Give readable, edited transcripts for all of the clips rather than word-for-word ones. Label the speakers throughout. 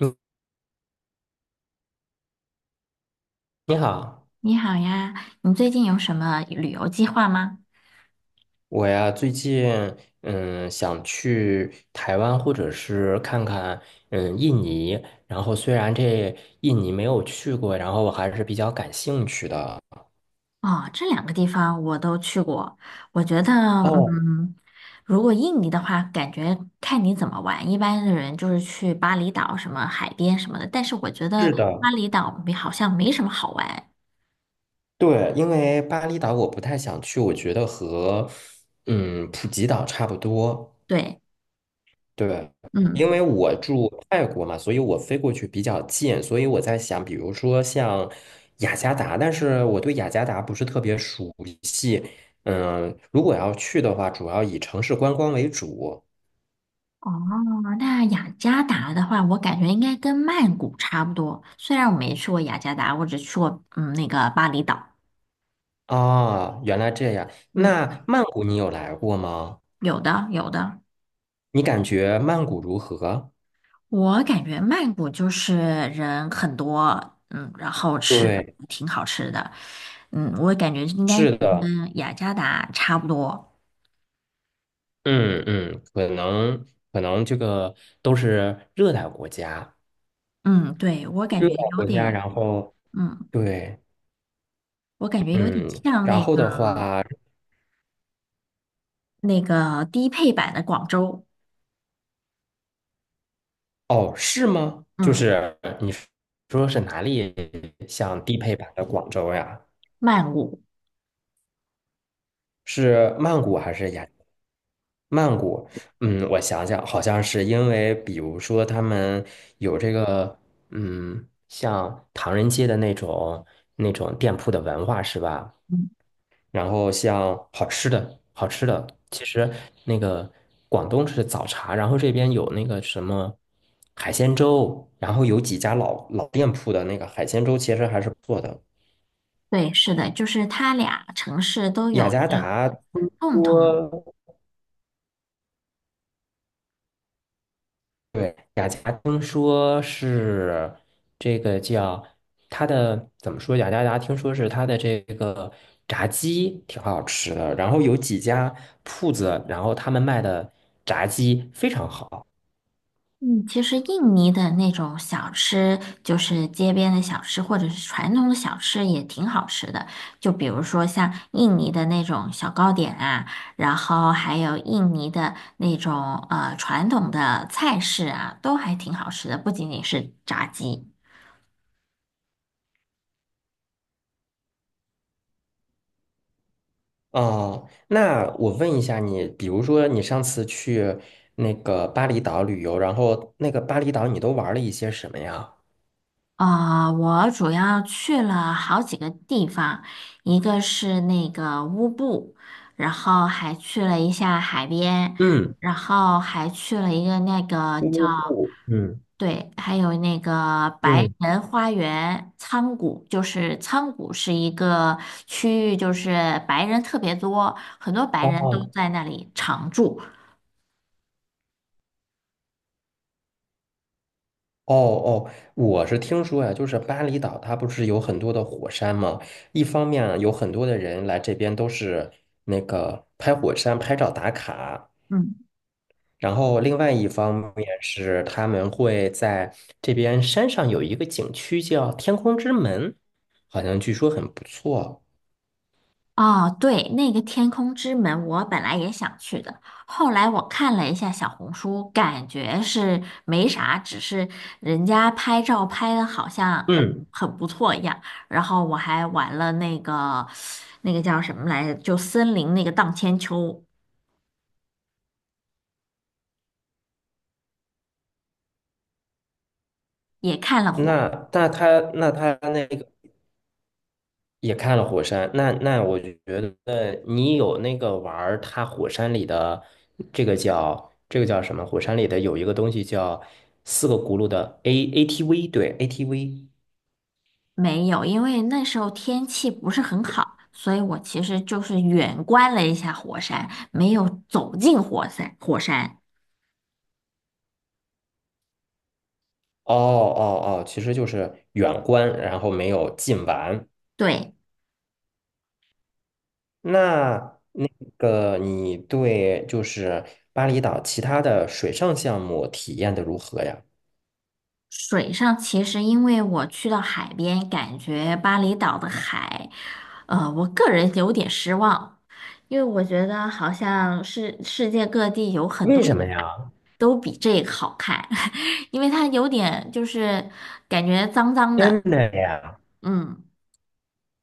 Speaker 1: 你你好，
Speaker 2: 你好呀，你最近有什么旅游计划吗？
Speaker 1: 我呀最近想去台湾或者是看看印尼，然后虽然印尼没有去过，然后我还是比较感兴趣的。
Speaker 2: 哦，这两个地方我都去过，我觉得，
Speaker 1: 哦，
Speaker 2: 嗯，如果印尼的话，感觉看你怎么玩。一般的人就是去巴厘岛、什么海边什么的，但是我觉得
Speaker 1: 是
Speaker 2: 巴
Speaker 1: 的，
Speaker 2: 厘岛没好像没什么好玩。
Speaker 1: 对，因为巴厘岛我不太想去，我觉得和普吉岛差不多。
Speaker 2: 对。
Speaker 1: 对，
Speaker 2: 嗯，
Speaker 1: 因为我住泰国嘛，所以我飞过去比较近，所以我在想，比如说像雅加达，但是我对雅加达不是特别熟悉。嗯，如果要去的话，主要以城市观光为主。
Speaker 2: 哦，那雅加达的话，我感觉应该跟曼谷差不多。虽然我没去过雅加达，我只去过那个巴厘岛。
Speaker 1: 啊，原来这样。
Speaker 2: 嗯，
Speaker 1: 那曼谷你有来过吗？
Speaker 2: 有的，有的。
Speaker 1: 你感觉曼谷如何？
Speaker 2: 我感觉曼谷就是人很多，嗯，然后吃
Speaker 1: 对，
Speaker 2: 挺好吃的，嗯，我感觉应该
Speaker 1: 是的，
Speaker 2: 跟雅加达差不多，
Speaker 1: 嗯嗯，可能这个都是热带国家，
Speaker 2: 嗯，对，我感
Speaker 1: 热
Speaker 2: 觉
Speaker 1: 带
Speaker 2: 有
Speaker 1: 国家，
Speaker 2: 点，
Speaker 1: 然后
Speaker 2: 嗯，
Speaker 1: 对。
Speaker 2: 我感觉有点
Speaker 1: 嗯，
Speaker 2: 像
Speaker 1: 然
Speaker 2: 那个
Speaker 1: 后的话，
Speaker 2: 低配版的广州。
Speaker 1: 哦，是吗？就
Speaker 2: 嗯，
Speaker 1: 是你说是哪里像低配版的广州呀？
Speaker 2: 曼谷。
Speaker 1: 是曼谷还是雅？曼谷，嗯，我想想，好像是因为，比如说他们有这个，嗯，像唐人街的那种店铺的文化，是吧？
Speaker 2: 嗯，
Speaker 1: 然后像好吃的，好吃的，其实那个广东是早茶，然后这边有那个什么海鲜粥，然后有几家老店铺的那个海鲜粥，其实还是不错的。
Speaker 2: 对，是的，就是它俩城市都
Speaker 1: 雅
Speaker 2: 有
Speaker 1: 加
Speaker 2: 一个
Speaker 1: 达听
Speaker 2: 共同。
Speaker 1: 说，对，雅加达听说是这个叫它的怎么说？雅加达听说是它的这个炸鸡挺好吃的，然后有几家铺子，然后他们卖的炸鸡非常好。
Speaker 2: 嗯，其实印尼的那种小吃，就是街边的小吃，或者是传统的小吃，也挺好吃的。就比如说像印尼的那种小糕点啊，然后还有印尼的那种传统的菜式啊，都还挺好吃的，不仅仅是炸鸡。
Speaker 1: 哦，那我问一下你，比如说你上次去那个巴厘岛旅游，然后那个巴厘岛你都玩了一些什么呀？
Speaker 2: 啊、我主要去了好几个地方，一个是那个乌布，然后还去了一下海边，
Speaker 1: 嗯，
Speaker 2: 然后还去了一个那个叫，
Speaker 1: 乌布，嗯
Speaker 2: 对，还有那个白
Speaker 1: 嗯，
Speaker 2: 人花园仓谷，就是仓谷是一个区域，就是白人特别多，很多白人都
Speaker 1: 哦
Speaker 2: 在那里常住。
Speaker 1: 哦哦，我是听说呀，就是巴厘岛它不是有很多的火山吗？一方面有很多的人来这边都是那个拍火山拍照打卡，
Speaker 2: 嗯。
Speaker 1: 然后另外一方面是他们会在这边山上有一个景区叫天空之门，好像据说很不错。
Speaker 2: 哦，对，那个天空之门，我本来也想去的，后来我看了一下小红书，感觉是没啥，只是人家拍照拍的好像
Speaker 1: 嗯，
Speaker 2: 很不错一样。然后我还玩了那个那个叫什么来着，就森林那个荡千秋，也看了火。
Speaker 1: 那他那个也看了火山，那我觉得你有那个玩儿它火山里的这个叫什么？火山里的有一个东西叫四个轱辘的 ATV，对 ATV。
Speaker 2: 没有，因为那时候天气不是很好，所以我其实就是远观了一下火山，没有走进火山。
Speaker 1: 哦哦哦，其实就是远观，然后没有近玩。
Speaker 2: 对。
Speaker 1: 那那个你对就是巴厘岛其他的水上项目体验的如何呀？
Speaker 2: 水上其实因为我去到海边，感觉巴厘岛的海，我个人有点失望，因为我觉得好像是世界各地有很多
Speaker 1: 为什么呀？
Speaker 2: 都比这个好看，因为它有点就是感觉脏脏的。
Speaker 1: 真的呀？
Speaker 2: 嗯，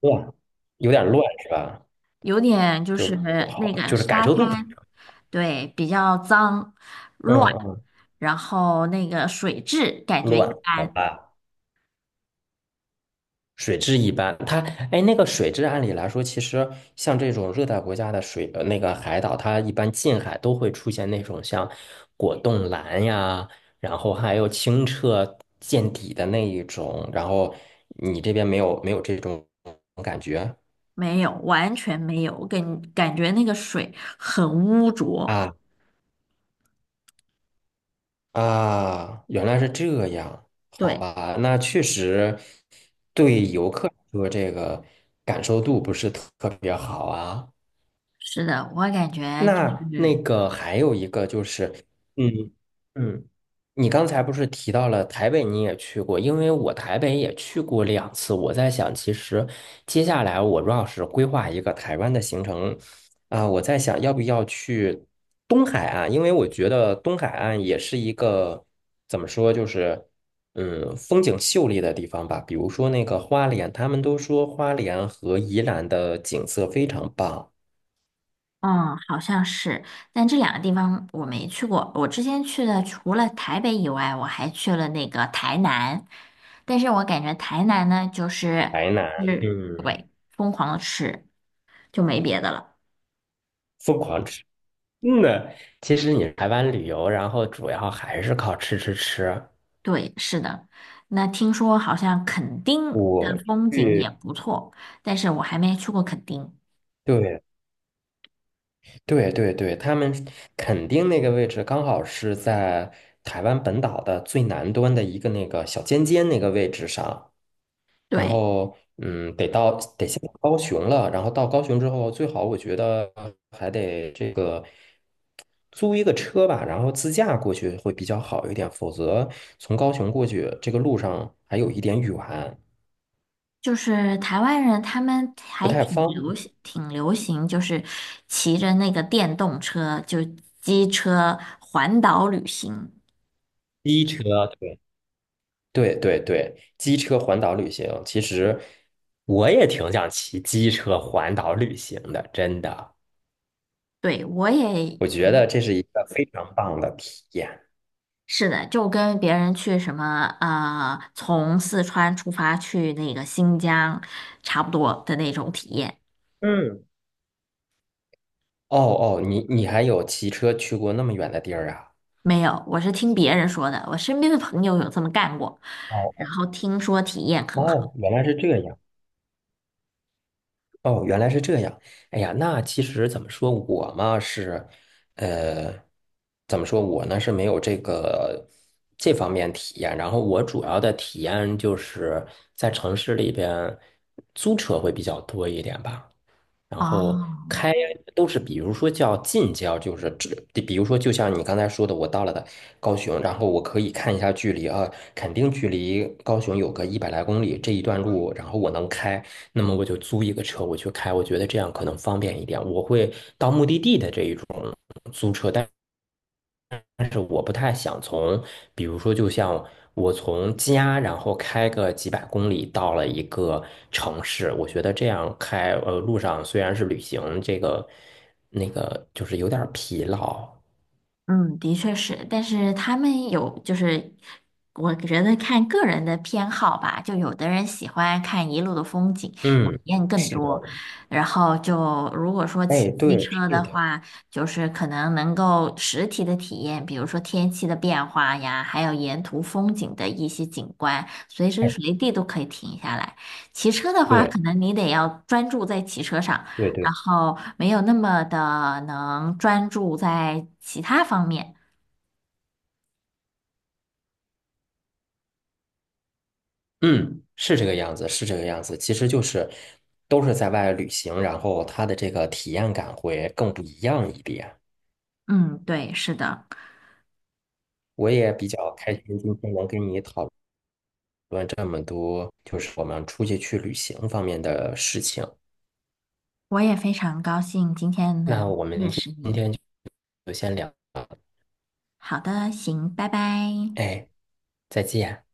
Speaker 1: 哇，有点乱是吧？
Speaker 2: 有点就
Speaker 1: 就
Speaker 2: 是
Speaker 1: 不
Speaker 2: 那
Speaker 1: 好，
Speaker 2: 个
Speaker 1: 就是感
Speaker 2: 沙
Speaker 1: 受度不是
Speaker 2: 滩，
Speaker 1: 很，
Speaker 2: 对，比较脏乱，
Speaker 1: 嗯，
Speaker 2: 然后那个水质感觉
Speaker 1: 乱，
Speaker 2: 一
Speaker 1: 好
Speaker 2: 般。
Speaker 1: 吧。水质一般，它哎，那个水质按理来说，其实像这种热带国家的水，那个海岛，它一般近海都会出现那种像果冻蓝呀，然后还有清澈见底的那一种，然后你这边没有这种感觉
Speaker 2: 没有，完全没有，感觉那个水很污浊。
Speaker 1: 啊啊，原来是这样，好
Speaker 2: 对，
Speaker 1: 吧，那确实对游客来说这个感受度不是特别好啊。
Speaker 2: 是的，我感觉就
Speaker 1: 那
Speaker 2: 是。
Speaker 1: 那个还有一个就是，嗯嗯，你刚才不是提到了台北你也去过，因为我台北也去过两次，我在想，其实接下来我要是规划一个台湾的行程，啊、我在想要不要去东海岸，因为我觉得东海岸也是一个怎么说，就是风景秀丽的地方吧，比如说那个花莲，他们都说花莲和宜兰的景色非常棒，
Speaker 2: 嗯，好像是，但这两个地方我没去过。我之前去的除了台北以外，我还去了那个台南，但是我感觉台南呢，就是
Speaker 1: 台南。
Speaker 2: 是
Speaker 1: 嗯。
Speaker 2: 对，疯狂的吃，就没别的了。
Speaker 1: 疯狂吃。嗯呢，其实你台湾旅游，然后主要还是靠吃吃吃。
Speaker 2: 对，是的。那听说好像垦丁的
Speaker 1: 我
Speaker 2: 风景
Speaker 1: 去，
Speaker 2: 也不错，但是我还没去过垦丁。
Speaker 1: 对对对对，他们肯定那个位置刚好是在台湾本岛的最南端的一个那个小尖尖那个位置上，然
Speaker 2: 对。
Speaker 1: 后嗯，得到得先到高雄了，然后到高雄之后，最好我觉得还得这个。租一个车吧，然后自驾过去会比较好一点，否则从高雄过去这个路上还有一点远，
Speaker 2: 就是台湾人，他们
Speaker 1: 不
Speaker 2: 还
Speaker 1: 太
Speaker 2: 挺
Speaker 1: 方
Speaker 2: 流
Speaker 1: 便。
Speaker 2: 行，就是骑着那个电动车，就机车环岛旅行。
Speaker 1: 机车，对，对对对，机车环岛旅行，其实我也挺想骑机车环岛旅行的，真的。
Speaker 2: 对，我也
Speaker 1: 我觉得这是一个非常棒的体验。
Speaker 2: 是的，就跟别人去什么从四川出发去那个新疆，差不多的那种体验。
Speaker 1: 嗯，哦哦，你还有骑车去过那么远的地儿啊？
Speaker 2: 没有，我是听别人说的，我身边的朋友有这么干过，然
Speaker 1: 哦
Speaker 2: 后听说体验很好。
Speaker 1: 哦，原来是这样。哦，原来是这样。哎呀，那其实怎么说，我嘛是，呃，怎么说，我呢是没有这个这方面体验。然后我主要的体验就是在城市里边租车会比较多一点吧。然后
Speaker 2: 哦，
Speaker 1: 开呀都是，比如说叫近郊，就是这，比如说就像你刚才说的，我到了的高雄，然后我可以看一下距离啊，肯定距离高雄有个100来公里这一段路，然后我能开，那么我就租一个车我去开，我觉得这样可能方便一点，我会到目的地的这一种租车。是我不太想从，比如说，就像我从家，然后开个几百公里到了一个城市，我觉得这样开，路上虽然是旅行，这个那个就是有点儿疲劳。
Speaker 2: 嗯，的确是，但是他们有就是，我觉得看个人的偏好吧，就有的人喜欢看一路的风景，体
Speaker 1: 嗯，
Speaker 2: 验更
Speaker 1: 是的，
Speaker 2: 多，然后就如果说骑
Speaker 1: 哎，
Speaker 2: 机
Speaker 1: 对，
Speaker 2: 车
Speaker 1: 是
Speaker 2: 的
Speaker 1: 的，
Speaker 2: 话，就是可能能够实体的体验，比如说天气的变化呀，还有沿途风景的一些景观，随时
Speaker 1: 哎，
Speaker 2: 随地都可以停下来。骑车的话，可
Speaker 1: 对，
Speaker 2: 能你得要专注在骑车上。
Speaker 1: 对对，
Speaker 2: 然后没有那么的能专注在其他方面。
Speaker 1: 嗯，是这个样子，是这个样子。其实就是都是在外旅行，然后他的这个体验感会更不一样一点。
Speaker 2: 嗯，对，是的，
Speaker 1: 我也比较开心，今天能跟你讨。问这么多，就是我们出去旅行方面的事情。
Speaker 2: 我也非常高兴今天
Speaker 1: 那
Speaker 2: 能
Speaker 1: 我们
Speaker 2: 认
Speaker 1: 今
Speaker 2: 识你。
Speaker 1: 天就先聊，
Speaker 2: 好的，行，拜拜。
Speaker 1: 哎，再见。